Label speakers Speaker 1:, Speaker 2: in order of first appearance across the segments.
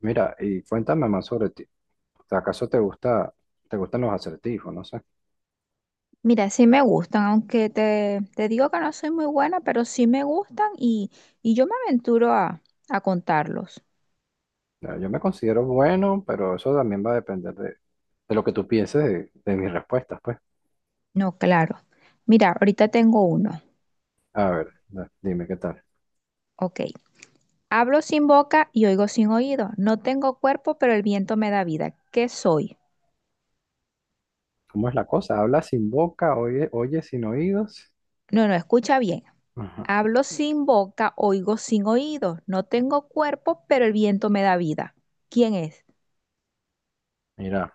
Speaker 1: Mira, y cuéntame más sobre ti. ¿Acaso te gusta, te gustan los acertijos? No sé.
Speaker 2: Mira, sí me gustan, aunque te digo que no soy muy buena, pero sí me gustan y yo me aventuro a contarlos.
Speaker 1: Ya, yo me considero bueno, pero eso también va a depender de lo que tú pienses de mis respuestas, pues.
Speaker 2: No, claro. Mira, ahorita tengo uno.
Speaker 1: A ver, dime qué tal.
Speaker 2: Ok. Hablo sin boca y oigo sin oído. No tengo cuerpo, pero el viento me da vida. ¿Qué soy?
Speaker 1: ¿Cómo es la cosa? ¿Habla sin boca? Oye sin oídos?
Speaker 2: No, no, escucha bien.
Speaker 1: Ajá.
Speaker 2: Hablo sin boca, oigo sin oído. No tengo cuerpo, pero el viento me da vida. ¿Quién es?
Speaker 1: Mira,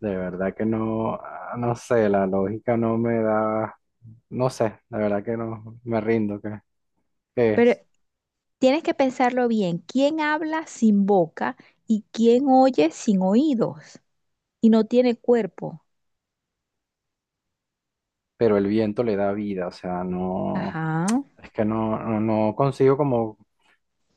Speaker 1: de verdad que no, no sé, la lógica no me da, no sé, la verdad que no, me rindo, ¿qué
Speaker 2: Pero
Speaker 1: es?
Speaker 2: tienes que pensarlo bien. ¿Quién habla sin boca y quién oye sin oídos? Y no tiene cuerpo.
Speaker 1: Pero el viento le da vida, o sea, no,
Speaker 2: Ajá.
Speaker 1: es que no consigo como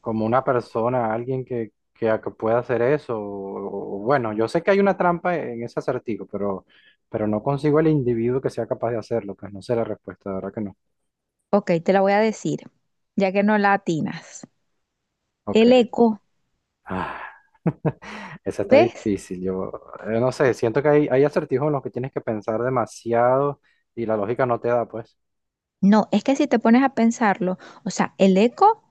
Speaker 1: como una persona, alguien que pueda hacer eso. O bueno, yo sé que hay una trampa en ese acertijo, pero no consigo el individuo que sea capaz de hacerlo, pues no sé la respuesta, de verdad que no.
Speaker 2: Ok, te la voy a decir, ya que no la atinas. El
Speaker 1: Ok.
Speaker 2: eco.
Speaker 1: Ah, esa está
Speaker 2: ¿Ves?
Speaker 1: difícil. Yo, no sé, siento que hay acertijos en los que tienes que pensar demasiado y la lógica no te da, pues.
Speaker 2: No, es que si te pones a pensarlo, o sea, el eco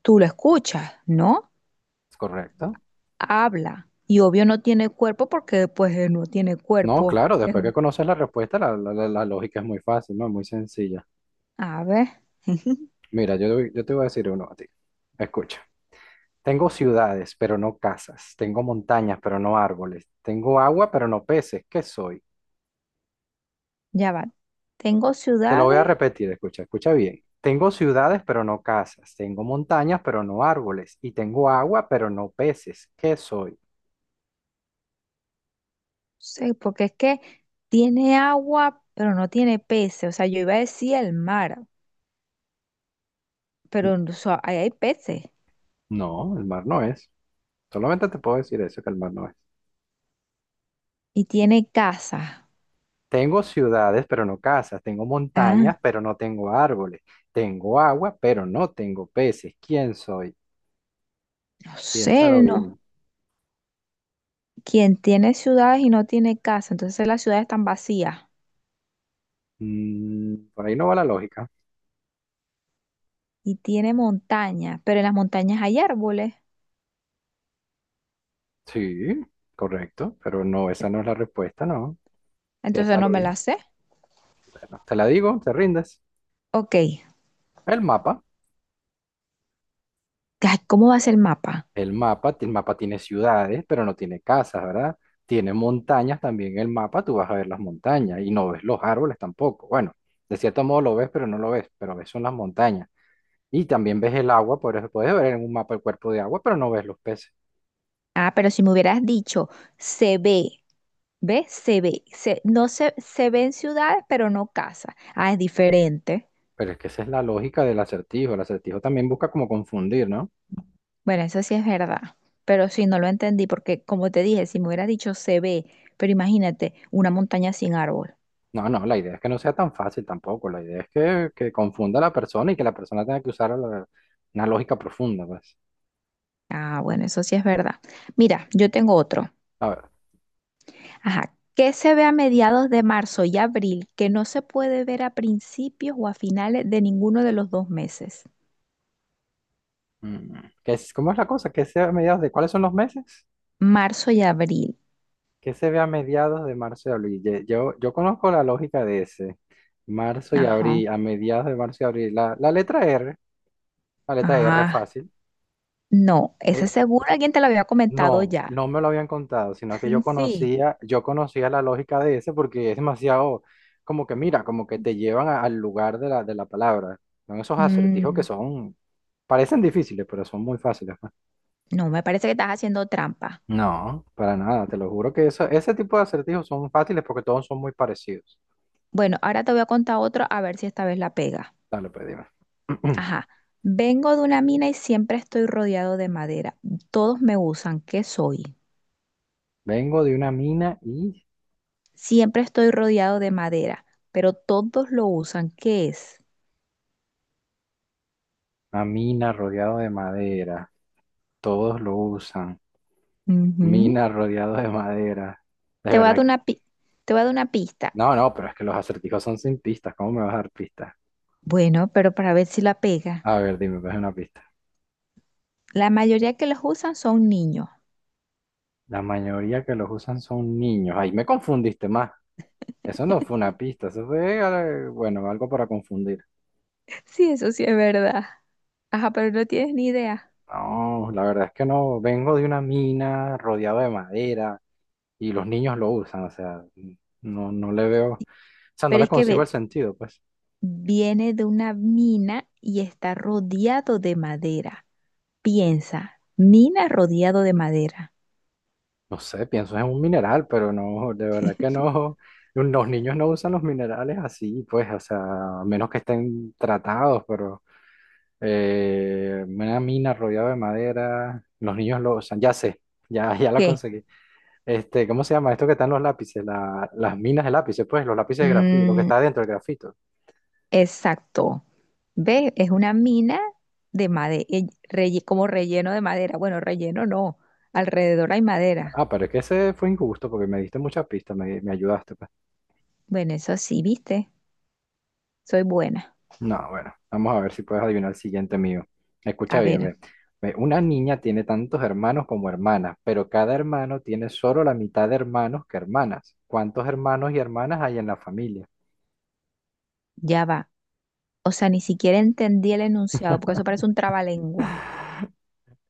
Speaker 2: tú lo escuchas, ¿no?
Speaker 1: ¿Es correcto?
Speaker 2: Habla. Y obvio no tiene cuerpo porque pues no tiene
Speaker 1: No,
Speaker 2: cuerpo.
Speaker 1: claro,
Speaker 2: Es
Speaker 1: después que
Speaker 2: un...
Speaker 1: conoces la respuesta, la lógica es muy fácil, ¿no? Muy sencilla.
Speaker 2: A ver,
Speaker 1: Mira, yo te voy a decir uno a ti. Escucha. Tengo ciudades, pero no casas. Tengo montañas, pero no árboles. Tengo agua, pero no peces. ¿Qué soy?
Speaker 2: ya va. Tengo
Speaker 1: Te lo voy a
Speaker 2: ciudades,
Speaker 1: repetir, escucha, escucha bien. Tengo ciudades, pero no casas. Tengo montañas, pero no árboles. Y tengo agua, pero no peces. ¿Qué soy?
Speaker 2: sí, porque es que tiene agua, pero no tiene peces. O sea, yo iba a decir el mar, pero
Speaker 1: N-
Speaker 2: o sea, ahí hay peces.
Speaker 1: No, el mar no es. Solamente te puedo decir eso, que el mar no es.
Speaker 2: Y tiene casas.
Speaker 1: Tengo ciudades, pero no casas. Tengo
Speaker 2: Ah.
Speaker 1: montañas, pero no tengo árboles. Tengo agua, pero no tengo peces. ¿Quién soy?
Speaker 2: No sé,
Speaker 1: Piénsalo
Speaker 2: no.
Speaker 1: bien.
Speaker 2: Quien tiene ciudades y no tiene casa, entonces las ciudades están vacías
Speaker 1: Mm, por ahí no va la lógica.
Speaker 2: y tiene montañas, pero en las montañas hay árboles,
Speaker 1: Sí, correcto, pero no, esa no es la respuesta, no.
Speaker 2: entonces no
Speaker 1: Piénsalo
Speaker 2: me
Speaker 1: bien.
Speaker 2: las sé.
Speaker 1: Bueno, te la digo, te rindes.
Speaker 2: Ok,
Speaker 1: El mapa,
Speaker 2: ay, ¿cómo va a ser el mapa?
Speaker 1: el mapa tiene ciudades, pero no tiene casas, ¿verdad? Tiene montañas también el mapa, tú vas a ver las montañas y no ves los árboles tampoco. Bueno, de cierto modo lo ves, pero no lo ves, pero ves son las montañas. Y también ves el agua, por eso puedes ver en un mapa el cuerpo de agua, pero no ves los peces.
Speaker 2: Ah, pero si me hubieras dicho, se ve. ¿Ves? Se ve, se, no se, se ven ciudades, pero no casas. Ah, es diferente.
Speaker 1: Pero es que esa es la lógica del acertijo. El acertijo también busca como confundir, ¿no?
Speaker 2: Bueno, eso sí es verdad, pero sí, no lo entendí porque como te dije, si me hubieras dicho se ve, pero imagínate una montaña sin árbol.
Speaker 1: No, no, la idea es que no sea tan fácil tampoco. La idea es que confunda a la persona y que la persona tenga que usar una lógica profunda, pues.
Speaker 2: Ah, bueno, eso sí es verdad. Mira, yo tengo otro.
Speaker 1: A ver,
Speaker 2: Ajá. ¿Qué se ve a mediados de marzo y abril que no se puede ver a principios o a finales de ninguno de los dos meses?
Speaker 1: mm, ¿qué es, cómo es la cosa? ¿Qué se ve a mediados de cuáles son los meses?
Speaker 2: Marzo y abril.
Speaker 1: ¿Qué se ve a mediados de marzo y abril? Yo, yo conozco la lógica de ese. Marzo y
Speaker 2: Ajá.
Speaker 1: abril, a mediados de marzo y abril. La letra R, la letra R
Speaker 2: Ajá.
Speaker 1: fácil.
Speaker 2: No, ese
Speaker 1: Eh,
Speaker 2: seguro alguien te lo había comentado
Speaker 1: No,
Speaker 2: ya.
Speaker 1: no me lo habían contado, sino que
Speaker 2: Sí.
Speaker 1: yo conocía la lógica de ese porque es demasiado, como que mira, como que te llevan al lugar de de la palabra. Son esos acertijos que
Speaker 2: Mm,
Speaker 1: son, parecen difíciles, pero son muy fáciles, ¿no?
Speaker 2: no, me parece que estás haciendo trampa.
Speaker 1: No, para nada, te lo juro que eso, ese tipo de acertijos son fáciles porque todos son muy parecidos.
Speaker 2: Bueno, ahora te voy a contar otro a ver si esta vez la pega.
Speaker 1: Dale, pues dime.
Speaker 2: Ajá. Vengo de una mina y siempre estoy rodeado de madera. Todos me usan. ¿Qué soy?
Speaker 1: Vengo de una mina y
Speaker 2: Siempre estoy rodeado de madera, pero todos lo usan. ¿Qué es?
Speaker 1: una mina rodeado de madera. Todos lo usan.
Speaker 2: Ujú.
Speaker 1: Mina rodeado de madera. De
Speaker 2: Te voy a dar
Speaker 1: verdad.
Speaker 2: una pi- Te voy a dar una pista.
Speaker 1: No, no, pero es que los acertijos son sin pistas. ¿Cómo me vas a dar pistas?
Speaker 2: Bueno, pero para ver si la pega.
Speaker 1: A ver, dime, pues una pista.
Speaker 2: La mayoría que los usan son niños.
Speaker 1: La mayoría que los usan son niños. Ahí me confundiste más. Eso no fue una pista, eso fue, bueno, algo para confundir.
Speaker 2: Sí, eso sí es verdad. Ajá, pero no tienes ni idea.
Speaker 1: No, la verdad es que no. Vengo de una mina rodeado de madera y los niños lo usan. O sea, no, no le veo, o sea, no
Speaker 2: Pero
Speaker 1: le
Speaker 2: es que
Speaker 1: consigo el
Speaker 2: ve,
Speaker 1: sentido, pues.
Speaker 2: viene de una mina y está rodeado de madera. Piensa, mina rodeado de madera.
Speaker 1: No sé, pienso en un mineral, pero no, de verdad que no. Los niños no usan los minerales así, pues, o sea, a menos que estén tratados, pero... una mina rodeada de madera. Los niños lo usan. Ya sé, ya, ya la
Speaker 2: ¿Qué?
Speaker 1: conseguí. Este, ¿cómo se llama? Esto que están los lápices, las minas de lápices, pues, los lápices de grafito, lo que
Speaker 2: Mm.
Speaker 1: está dentro del grafito.
Speaker 2: Exacto. ¿Ves? Es una mina de madera, como relleno de madera. Bueno, relleno no. Alrededor hay madera.
Speaker 1: Ah, pero es que ese fue injusto porque me diste muchas pistas, me ayudaste, pues.
Speaker 2: Bueno, eso sí, ¿viste? Soy buena.
Speaker 1: No, bueno, vamos a ver si puedes adivinar el siguiente mío. Escucha
Speaker 2: A
Speaker 1: bien,
Speaker 2: ver,
Speaker 1: ve. Ve, una niña tiene tantos hermanos como hermanas, pero cada hermano tiene solo la mitad de hermanos que hermanas. ¿Cuántos hermanos y hermanas hay en la familia?
Speaker 2: ya va. O sea, ni siquiera entendí el enunciado, porque eso parece un trabalengua.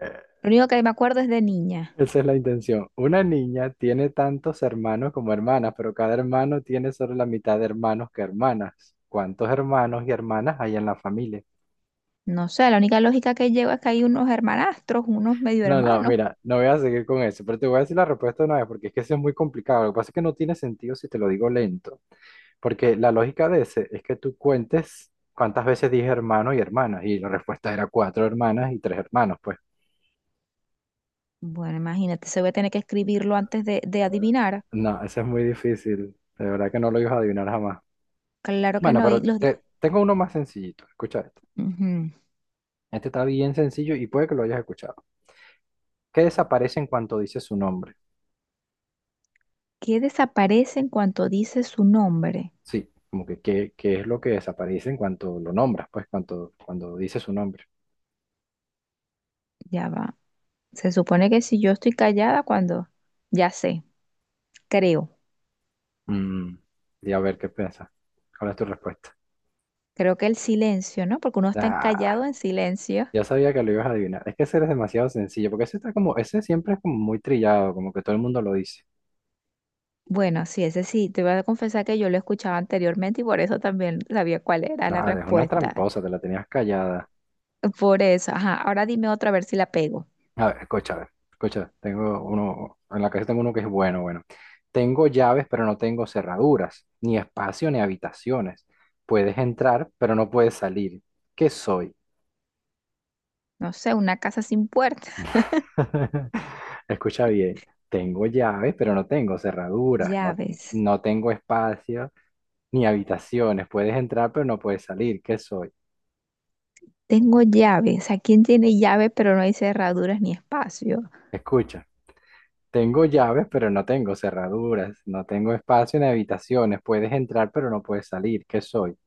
Speaker 2: Lo único que me acuerdo es de niña.
Speaker 1: Esa es la intención. Una niña tiene tantos hermanos como hermanas, pero cada hermano tiene solo la mitad de hermanos que hermanas. ¿Cuántos hermanos y hermanas hay en la familia?
Speaker 2: No sé, la única lógica que llevo es que hay unos hermanastros, unos medio
Speaker 1: No, no,
Speaker 2: hermanos.
Speaker 1: mira, no voy a seguir con eso, pero te voy a decir la respuesta de una vez porque es que eso es muy complicado. Lo que pasa es que no tiene sentido si te lo digo lento, porque la lógica de ese es que tú cuentes cuántas veces dije hermano y hermanas, y la respuesta era cuatro hermanas y tres hermanos, pues.
Speaker 2: Bueno, imagínate, se voy a tener que escribirlo antes de adivinar.
Speaker 1: No, eso es muy difícil. De verdad que no lo ibas a adivinar jamás.
Speaker 2: Claro que
Speaker 1: Bueno,
Speaker 2: no. Y los... di-
Speaker 1: tengo uno más sencillito. Escucha.
Speaker 2: Ujú.
Speaker 1: Este está bien sencillo y puede que lo hayas escuchado. ¿Qué desaparece en cuanto dice su nombre?
Speaker 2: ¿Qué desaparece en cuanto dice su nombre?
Speaker 1: Sí, como que qué es lo que desaparece en cuanto lo nombras, pues cuanto, cuando dice su nombre.
Speaker 2: Ya va. Se supone que si yo estoy callada cuando, ya sé, creo.
Speaker 1: Mm, y a ver qué piensas. ¿Cuál es tu respuesta?
Speaker 2: Creo que el silencio, ¿no? Porque uno está
Speaker 1: Ah,
Speaker 2: callado en silencio.
Speaker 1: ya sabía que lo ibas a adivinar. Es que ese es demasiado sencillo, porque ese está como, ese siempre es como muy trillado, como que todo el mundo lo dice.
Speaker 2: Bueno, sí, ese sí, te voy a confesar que yo lo escuchaba anteriormente y por eso también sabía cuál era
Speaker 1: No,
Speaker 2: la
Speaker 1: eres una
Speaker 2: respuesta.
Speaker 1: tramposa, te la tenías callada.
Speaker 2: Por eso, ajá, ahora dime otra a ver si la pego.
Speaker 1: A ver, escucha, tengo uno, en la casa tengo uno que es bueno, bueno. Tengo llaves, pero no tengo cerraduras, ni espacio ni habitaciones. Puedes entrar, pero no puedes salir. ¿Qué soy?
Speaker 2: No sé, una casa sin puerta.
Speaker 1: Escucha bien, tengo llaves, pero no tengo cerraduras,
Speaker 2: Llaves.
Speaker 1: no tengo espacio ni habitaciones. Puedes entrar, pero no puedes salir. ¿Qué soy?
Speaker 2: Tengo llaves. ¿A quién tiene llave pero no hay cerraduras ni espacio?
Speaker 1: Escucha, tengo llaves, pero no tengo cerraduras, no tengo espacio ni habitaciones. Puedes entrar, pero no puedes salir. ¿Qué soy?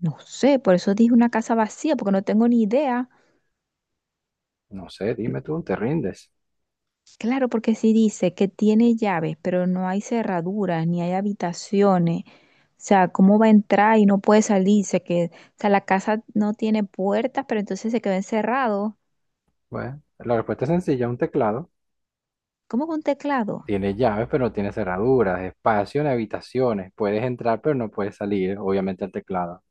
Speaker 2: No sé, por eso dije una casa vacía, porque no tengo ni idea.
Speaker 1: No sé, dime tú, ¿te rindes?
Speaker 2: Claro, porque si dice que tiene llaves, pero no hay cerraduras, ni hay habitaciones. O sea, ¿cómo va a entrar y no puede salirse? Que, o sea, la casa no tiene puertas, pero entonces se quedó encerrado.
Speaker 1: Bueno, la respuesta es sencilla, un teclado.
Speaker 2: ¿Cómo con un teclado?
Speaker 1: Tiene llaves, pero no tiene cerraduras, espacio en habitaciones. Puedes entrar, pero no puedes salir, obviamente, al teclado.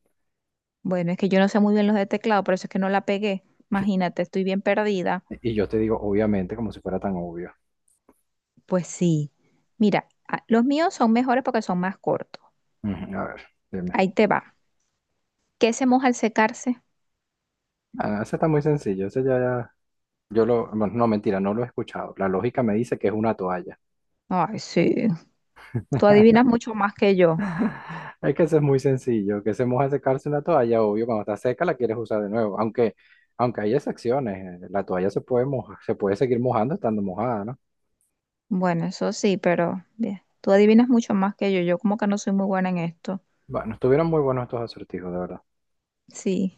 Speaker 2: Bueno, es que yo no sé muy bien los de teclado, por eso es que no la pegué. Imagínate, estoy bien perdida.
Speaker 1: Y yo te digo, obviamente, como si fuera tan obvio.
Speaker 2: Pues sí. Mira, los míos son mejores porque son más cortos.
Speaker 1: Ujú. A ver, dime.
Speaker 2: Ahí te va. ¿Qué se moja al secarse?
Speaker 1: Ah, no, ese está muy sencillo, yo lo... bueno, no, mentira, no lo he escuchado. La lógica me dice que es una toalla.
Speaker 2: Ay, sí. Tú adivinas mucho más que yo.
Speaker 1: Es que eso es muy sencillo, que se moja secarse una toalla, obvio, cuando está seca la quieres usar de nuevo, aunque, aunque hay excepciones, la toalla se puede se puede seguir mojando estando mojada, ¿no?
Speaker 2: Bueno, eso sí, pero bien. Tú adivinas mucho más que yo. Yo como que no soy muy buena en esto.
Speaker 1: Bueno, estuvieron muy buenos estos acertijos, de verdad.
Speaker 2: Sí.